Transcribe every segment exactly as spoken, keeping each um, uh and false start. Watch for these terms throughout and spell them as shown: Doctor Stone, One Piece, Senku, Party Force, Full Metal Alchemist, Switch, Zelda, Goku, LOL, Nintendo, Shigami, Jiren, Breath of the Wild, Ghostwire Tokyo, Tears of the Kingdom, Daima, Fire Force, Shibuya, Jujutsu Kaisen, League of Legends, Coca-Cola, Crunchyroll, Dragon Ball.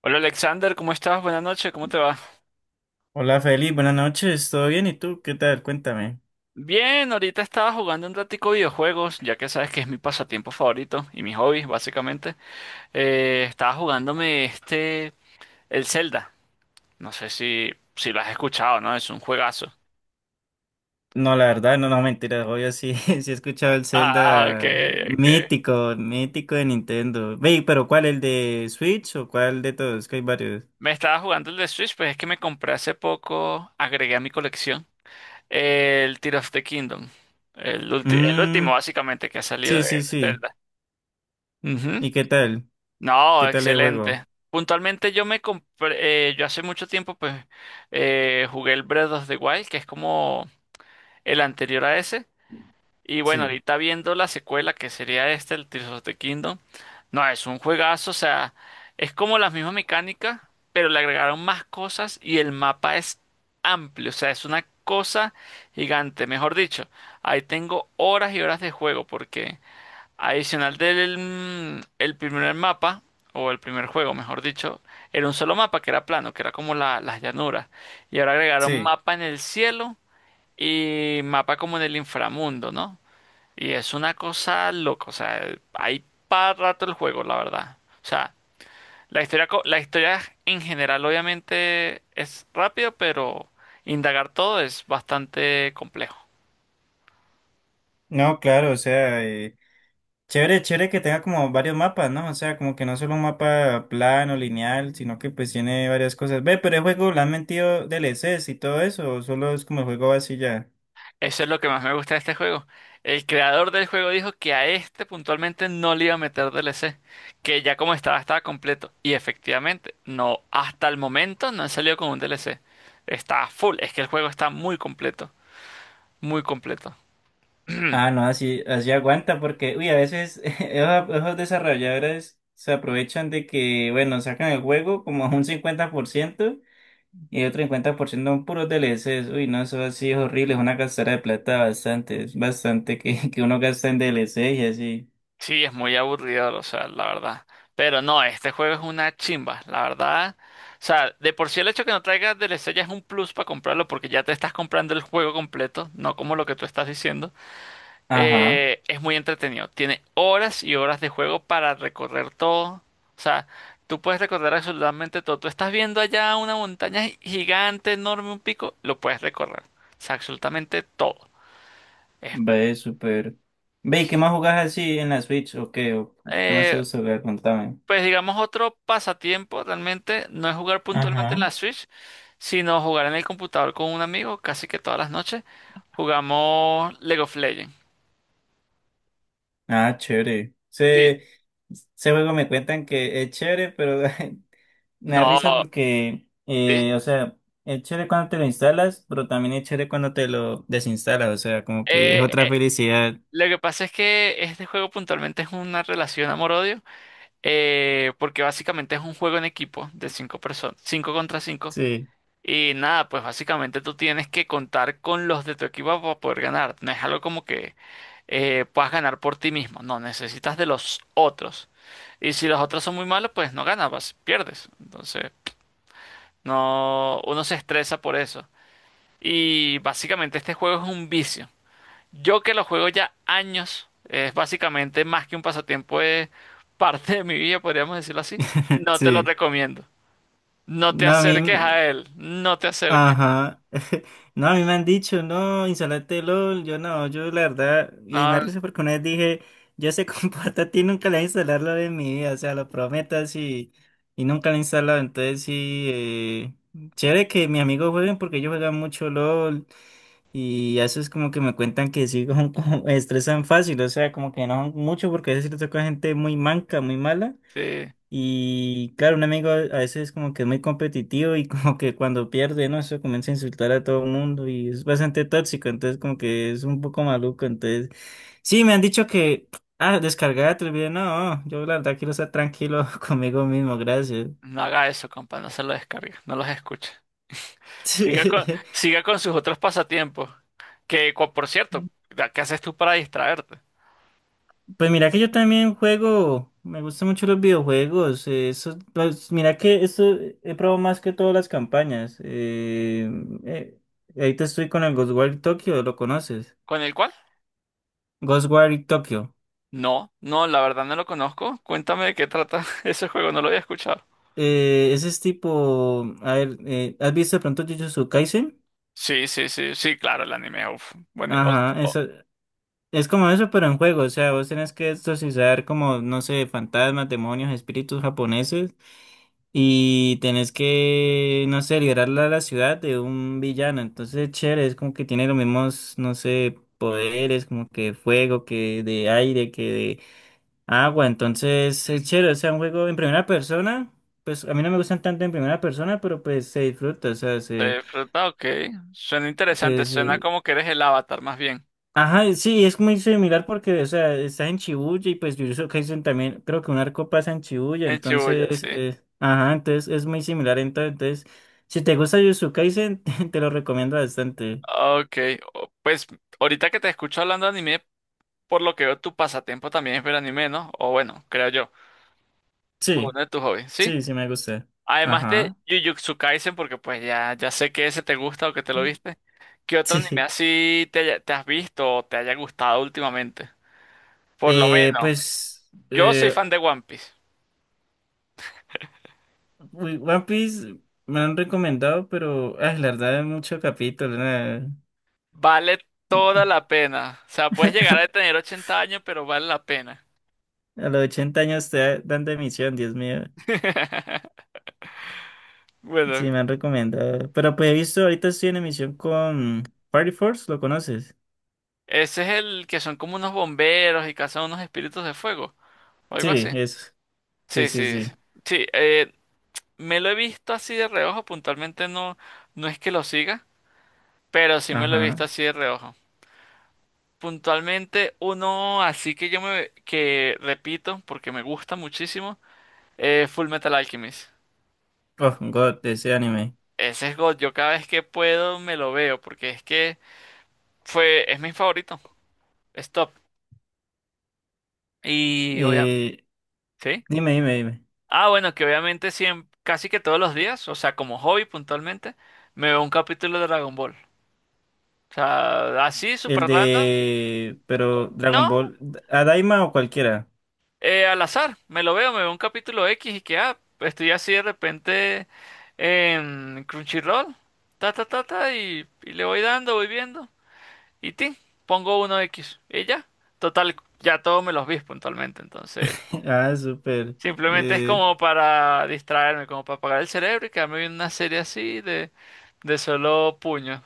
Hola Alexander, ¿cómo estás? Buenas noches, ¿cómo te va? Hola Feli, buenas noches, ¿todo bien? ¿Y tú? ¿Qué tal? Cuéntame. Bien, ahorita estaba jugando un ratico videojuegos, ya que sabes que es mi pasatiempo favorito y mi hobby, básicamente. Eh, estaba jugándome este, el Zelda. No sé si, si lo has escuchado, ¿no? Es un juegazo. No, la verdad, no, no, mentira, obvio sí, sí he escuchado el Ah, ah, ok, Zelda ok. mítico, mítico de Nintendo. Ve, pero ¿cuál? ¿El de Switch o cuál de todos? Que hay varios. Me estaba jugando el de Switch, pues es que me compré hace poco, agregué a mi colección el Tears of the Kingdom. El ulti- el último, Mmm, básicamente, que ha salido sí, de sí, de sí. Zelda. Ujú. ¿Y qué tal? ¿Qué No, tal el excelente. juego? Puntualmente yo me compré, eh, yo hace mucho tiempo pues eh, jugué el Breath of the Wild, que es como el anterior a ese. Y bueno, Sí, ahorita viendo la secuela, que sería este, el Tears of the Kingdom, no, es un juegazo, o sea, es como las mismas mecánicas, pero le agregaron más cosas y el mapa es amplio, o sea, es una cosa gigante. Mejor dicho, ahí tengo horas y horas de juego, porque... Adicional del mm, el primer mapa, o el primer juego, mejor dicho, era un solo mapa que era plano, que era como la- las llanuras. Y ahora agregaron sí. mapa en el cielo y mapa como en el inframundo, ¿no? Y es una cosa loca, o sea, hay para rato el juego, la verdad. O sea, la historia, co- la historia en general obviamente es rápido, pero indagar todo es bastante complejo. No, claro, o sea, chévere, chévere que tenga como varios mapas, ¿no? O sea, como que no solo un mapa plano, lineal, sino que pues tiene varias cosas. Ve, pero el juego, ¿le han metido D L Es y todo eso? ¿O solo es como el juego así ya? Eso es lo que más me gusta de este juego. El creador del juego dijo que a este puntualmente no le iba a meter D L C, que ya como estaba, estaba completo. Y efectivamente, no, hasta el momento no han salido con un D L C. Está full, es que el juego está muy completo, muy completo. Ah, no, así, así aguanta, porque, uy, a veces esos, esos desarrolladores se aprovechan de que, bueno, sacan el juego como un cincuenta por ciento y otro cincuenta por ciento son puros D L Es. Uy, no, eso así es horrible, es una gastadera de plata bastante, es bastante que, que uno gasta en D L Es y así. Sí, es muy aburrido, o sea, la verdad. Pero no, este juego es una chimba, la verdad. O sea, de por sí el hecho que no traiga D L C ya es un plus para comprarlo porque ya te estás comprando el juego completo, no como lo que tú estás diciendo. Ajá. Eh, es muy entretenido. Tiene horas y horas de juego para recorrer todo. O sea, tú puedes recorrer absolutamente todo. Tú estás viendo allá una montaña gi- gigante, enorme, un pico, lo puedes recorrer. O sea, absolutamente todo. Es, Ve, súper. Ve, ¿y qué más jugás así en la Switch? ¿O qué? ¿O qué más te eh, gusta jugar? Contame. pues digamos, otro pasatiempo realmente no es jugar puntualmente en Ajá. la Switch, sino jugar en el computador con un amigo casi que todas las noches. Jugamos League of Legends. Ah, chévere. Sí. Ese, ese juego me cuentan que es chévere, pero me da risa No, porque, sí. eh, o sea, es chévere cuando te lo instalas, pero también es chévere cuando te lo desinstalas. O sea, como que es Eh, otra eh, felicidad. Lo que pasa es que este juego puntualmente es una relación amor-odio, eh, porque básicamente es un juego en equipo de cinco personas, cinco contra cinco, Sí, y nada, pues básicamente tú tienes que contar con los de tu equipo para poder ganar. No es algo como que eh, puedas ganar por ti mismo, no, necesitas de los otros. Y si los otros son muy malos, pues no ganas, vas- pierdes. Entonces, no, uno se estresa por eso. Y básicamente este juego es un vicio. Yo que lo juego ya años, es básicamente más que un pasatiempo, es parte de mi vida, podríamos decirlo así. No te lo sí. recomiendo. No te No, No, a mí. acerques a él, no te acerques. Ajá. No, a mí me han dicho, no, instalate LOL. Yo no, yo la verdad, y me No, arriesgo porque una vez dije, yo ese comporta a ti nunca le voy a instalar LOL en mi vida, o sea, lo prometo así, y nunca lo he instalado. Entonces sí, eh, chévere que mis amigos jueguen porque ellos juegan mucho LOL, y eso es como que me cuentan que sí, como, como estresan fácil, o sea, como que no mucho porque a veces les toca gente muy manca, muy mala. sí, Y claro, un amigo a veces como que es muy competitivo y como que cuando pierde, ¿no? Eso comienza a insultar a todo el mundo y es bastante tóxico, entonces como que es un poco maluco, entonces… Sí, me han dicho que, ah, descargar el video, no, yo la verdad quiero estar tranquilo conmigo mismo, gracias. no haga eso, compa, no se lo descargue, no los escuche. Siga con, siga con sus otros pasatiempos, que cu- por cierto, ¿qué haces tú para distraerte? Pues mira que yo también juego, me gustan mucho los videojuegos, eh, eso, pues mira que esto he probado más que todas las campañas. Eh, eh, ahorita estoy con el Ghostwire Tokyo, ¿lo conoces? ¿Con el cual? Ghostwire Tokyo. No, no, la verdad no lo conozco. Cuéntame de qué trata ese juego, no lo había escuchado. Eh, ese es tipo, a ver, eh, ¿has visto de pronto Jujutsu Kaisen? Sí, sí, sí, sí, claro, el anime. Uf, bueno, Ajá, eso es como eso, pero en juego. O sea, vos tenés que exorcizar como, no sé, fantasmas, demonios, espíritus japoneses y tenés que, no sé, liberar la, la ciudad de un villano. Entonces, chévere, es como que tiene los mismos, no sé, poderes, como que fuego, que de aire, que de… Ah, bueno, entonces es chévere, o sea, un juego en primera persona, pues a mí no me gustan tanto en primera persona, pero pues se disfruta, o sea, se, Eh, fruta, ok. Suena interesante, se, suena se- como que eres el avatar, más bien. Ajá, sí, es muy similar porque, o sea, estás en Shibuya y pues Jujutsu Kaisen también, creo que un arco pasa en Shibuya, En Shibuya, sí. entonces, eh, ajá, entonces es muy similar, entonces, entonces, si te gusta Jujutsu Kaisen, te, te lo recomiendo bastante. Ah, ok, o- pues ahorita que te escucho hablando de anime, por lo que veo, tu pasatiempo también es ver anime, ¿no? O bueno, creo yo, o Sí, uno de tus hobbies, ¿sí? sí, sí me gusta. Además de Ajá. Jujutsu Kaisen, porque pues ya, ya sé que ese te gusta o que te lo viste, ¿qué otro anime Sí. así te, haya- te has visto o te haya gustado últimamente? Por lo Eh, menos, pues... yo soy eh, fan de One Piece. Uy, One Piece me lo han recomendado, pero ay, la verdad es mucho capítulo. Nada. Vale toda la pena. O sea, puedes llegar a tener ochenta años, pero vale la pena. A los ochenta años te dan de emisión, Dios mío. Sí, Bueno, me han recomendado. Pero pues he visto, ahorita estoy en emisión con Party Force, ¿lo conoces? ese es el que son como unos bomberos y cazan unos espíritus de fuego o algo Sí, así. eso. Sí, Sí, sí, sí, sí. Sí, sí. sí, eh, me lo he visto así de reojo. Puntualmente no, no es que lo siga, pero sí me lo he Ajá. visto así de reojo. Puntualmente uno, así que yo me que repito porque me gusta muchísimo, eh, Full Metal Alchemist. Oh, God, ese anime. Ese es God. Yo cada vez que puedo me lo veo porque es que Fue, es mi favorito. Stop. Y obviamente, Eh, sí. dime, dime, dime. Ah, bueno, que obviamente siempre, casi que todos los días, o sea, como hobby puntualmente, me veo un capítulo de Dragon Ball. O sea, así, super El random. de… pero No, Dragon Ball, ¿a Daima o cualquiera? eh, al azar, me lo veo, me veo un capítulo X y que, ah, estoy así de repente en Crunchyroll, ta, ta, ta, ta, y, y le voy dando, voy viendo. Y ti, pongo uno X. Y ya, total, ya todos me los vi puntualmente, entonces. Ah, súper. Simplemente es Eh, como para distraerme, como para apagar el cerebro y quedarme viendo una serie así de, de solo puño.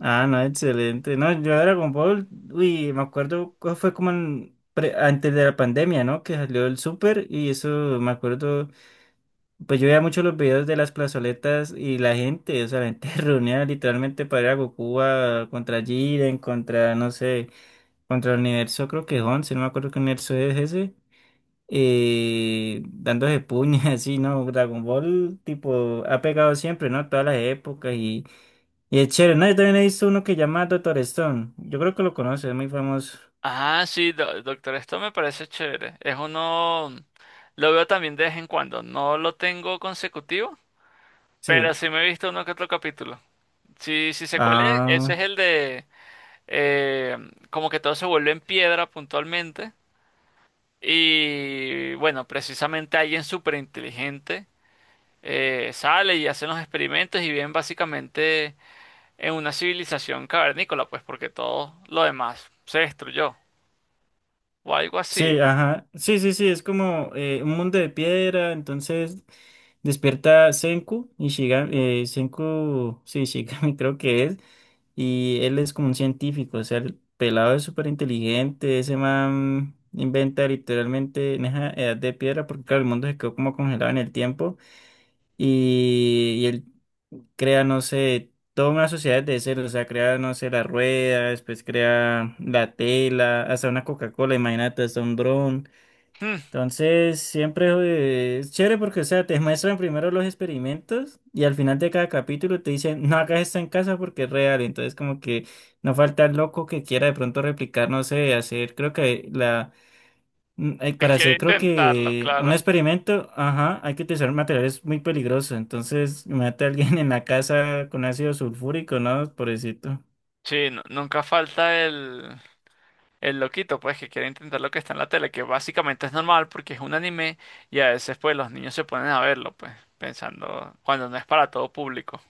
Ah, no, excelente. No, yo era con Ball, uy, me acuerdo, co- fue como en pre- antes de la pandemia, ¿no? Que salió el súper y eso, me acuerdo, pues yo veía mucho los videos de las plazoletas y la gente, o sea, la gente reunía literalmente para ir a Goku a- contra Jiren, contra, no sé, contra el universo, creo que es once, no me acuerdo qué universo es ese, eh, dándose puñas, así, ¿no? Dragon Ball, tipo, ha pegado siempre, ¿no? Todas las épocas y es chévere, ¿no? Yo también he visto uno que llama Doctor Stone. Yo creo que lo conoce, es muy famoso. Ah, sí, do- doctor, esto me parece chévere. Es uno, lo veo también de vez en cuando. No lo tengo consecutivo, pero Sí. sí me he visto uno que otro capítulo. Sí, sí sé cuál es. Ese es Ah, el de eh, como que todo se vuelve en piedra puntualmente. Y bueno, precisamente alguien súper inteligente eh, sale y hace los experimentos y bien básicamente en una civilización cavernícola, pues porque todo lo demás se destruyó o algo así. sí, ajá. Sí, sí, sí, es como eh, un mundo de piedra, entonces despierta Senku y Shigami, eh, Senku, sí, Shigami creo que es, y él es como un científico, o sea, el pelado es súper inteligente, ese man inventa literalmente en esa edad de piedra, porque claro, el mundo se quedó como congelado en el tiempo. Y, y él crea, no sé, toda una sociedad de cero, o sea, crea, no sé, la rueda, después crea la tela, hasta una Coca-Cola, imagínate, hasta un dron. Hmm, Entonces, siempre eh, es chévere porque, o sea, te muestran primero los experimentos y al final de cada capítulo te dicen, no hagas esto en casa porque es real. Entonces, como que no falta el loco que quiera de pronto replicar, no sé, hacer, creo que la… Mm, hay- que para quiere hacer, creo intentarlo, que un claro. experimento, ajá, hay que utilizar materiales muy peligrosos. Entonces, mate a alguien en la casa con ácido sulfúrico, ¿no? Pobrecito. Sí, nu- nunca falta el, el loquito, pues que quiere intentar lo que está en la tele, que básicamente es normal porque es un anime y a veces pues los niños se ponen a verlo, pues pensando cuando no es para todo público.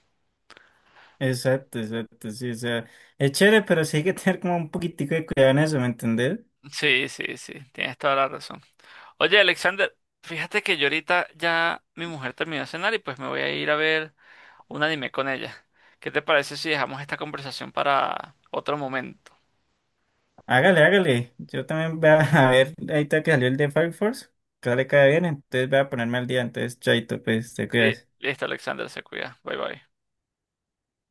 Exacto, exacto, sí. O sea, es chévere, pero sí hay que tener como un poquitico de cuidado en eso, ¿me entendés? Sí, sí, sí, tienes toda la razón. Oye, Alexander, fíjate que yo ahorita ya mi mujer terminó de cenar y pues me voy a ir a ver un anime con ella. ¿Qué te parece si dejamos esta conversación para otro momento? Hágale, hágale. Yo también voy a a ver, ahorita que salió el de Fire Force, que sale cada bien, entonces voy a ponerme al día. Entonces, chaito, pues, te Eh, cuidas. Listo, Alexander, se cuida. Bye bye.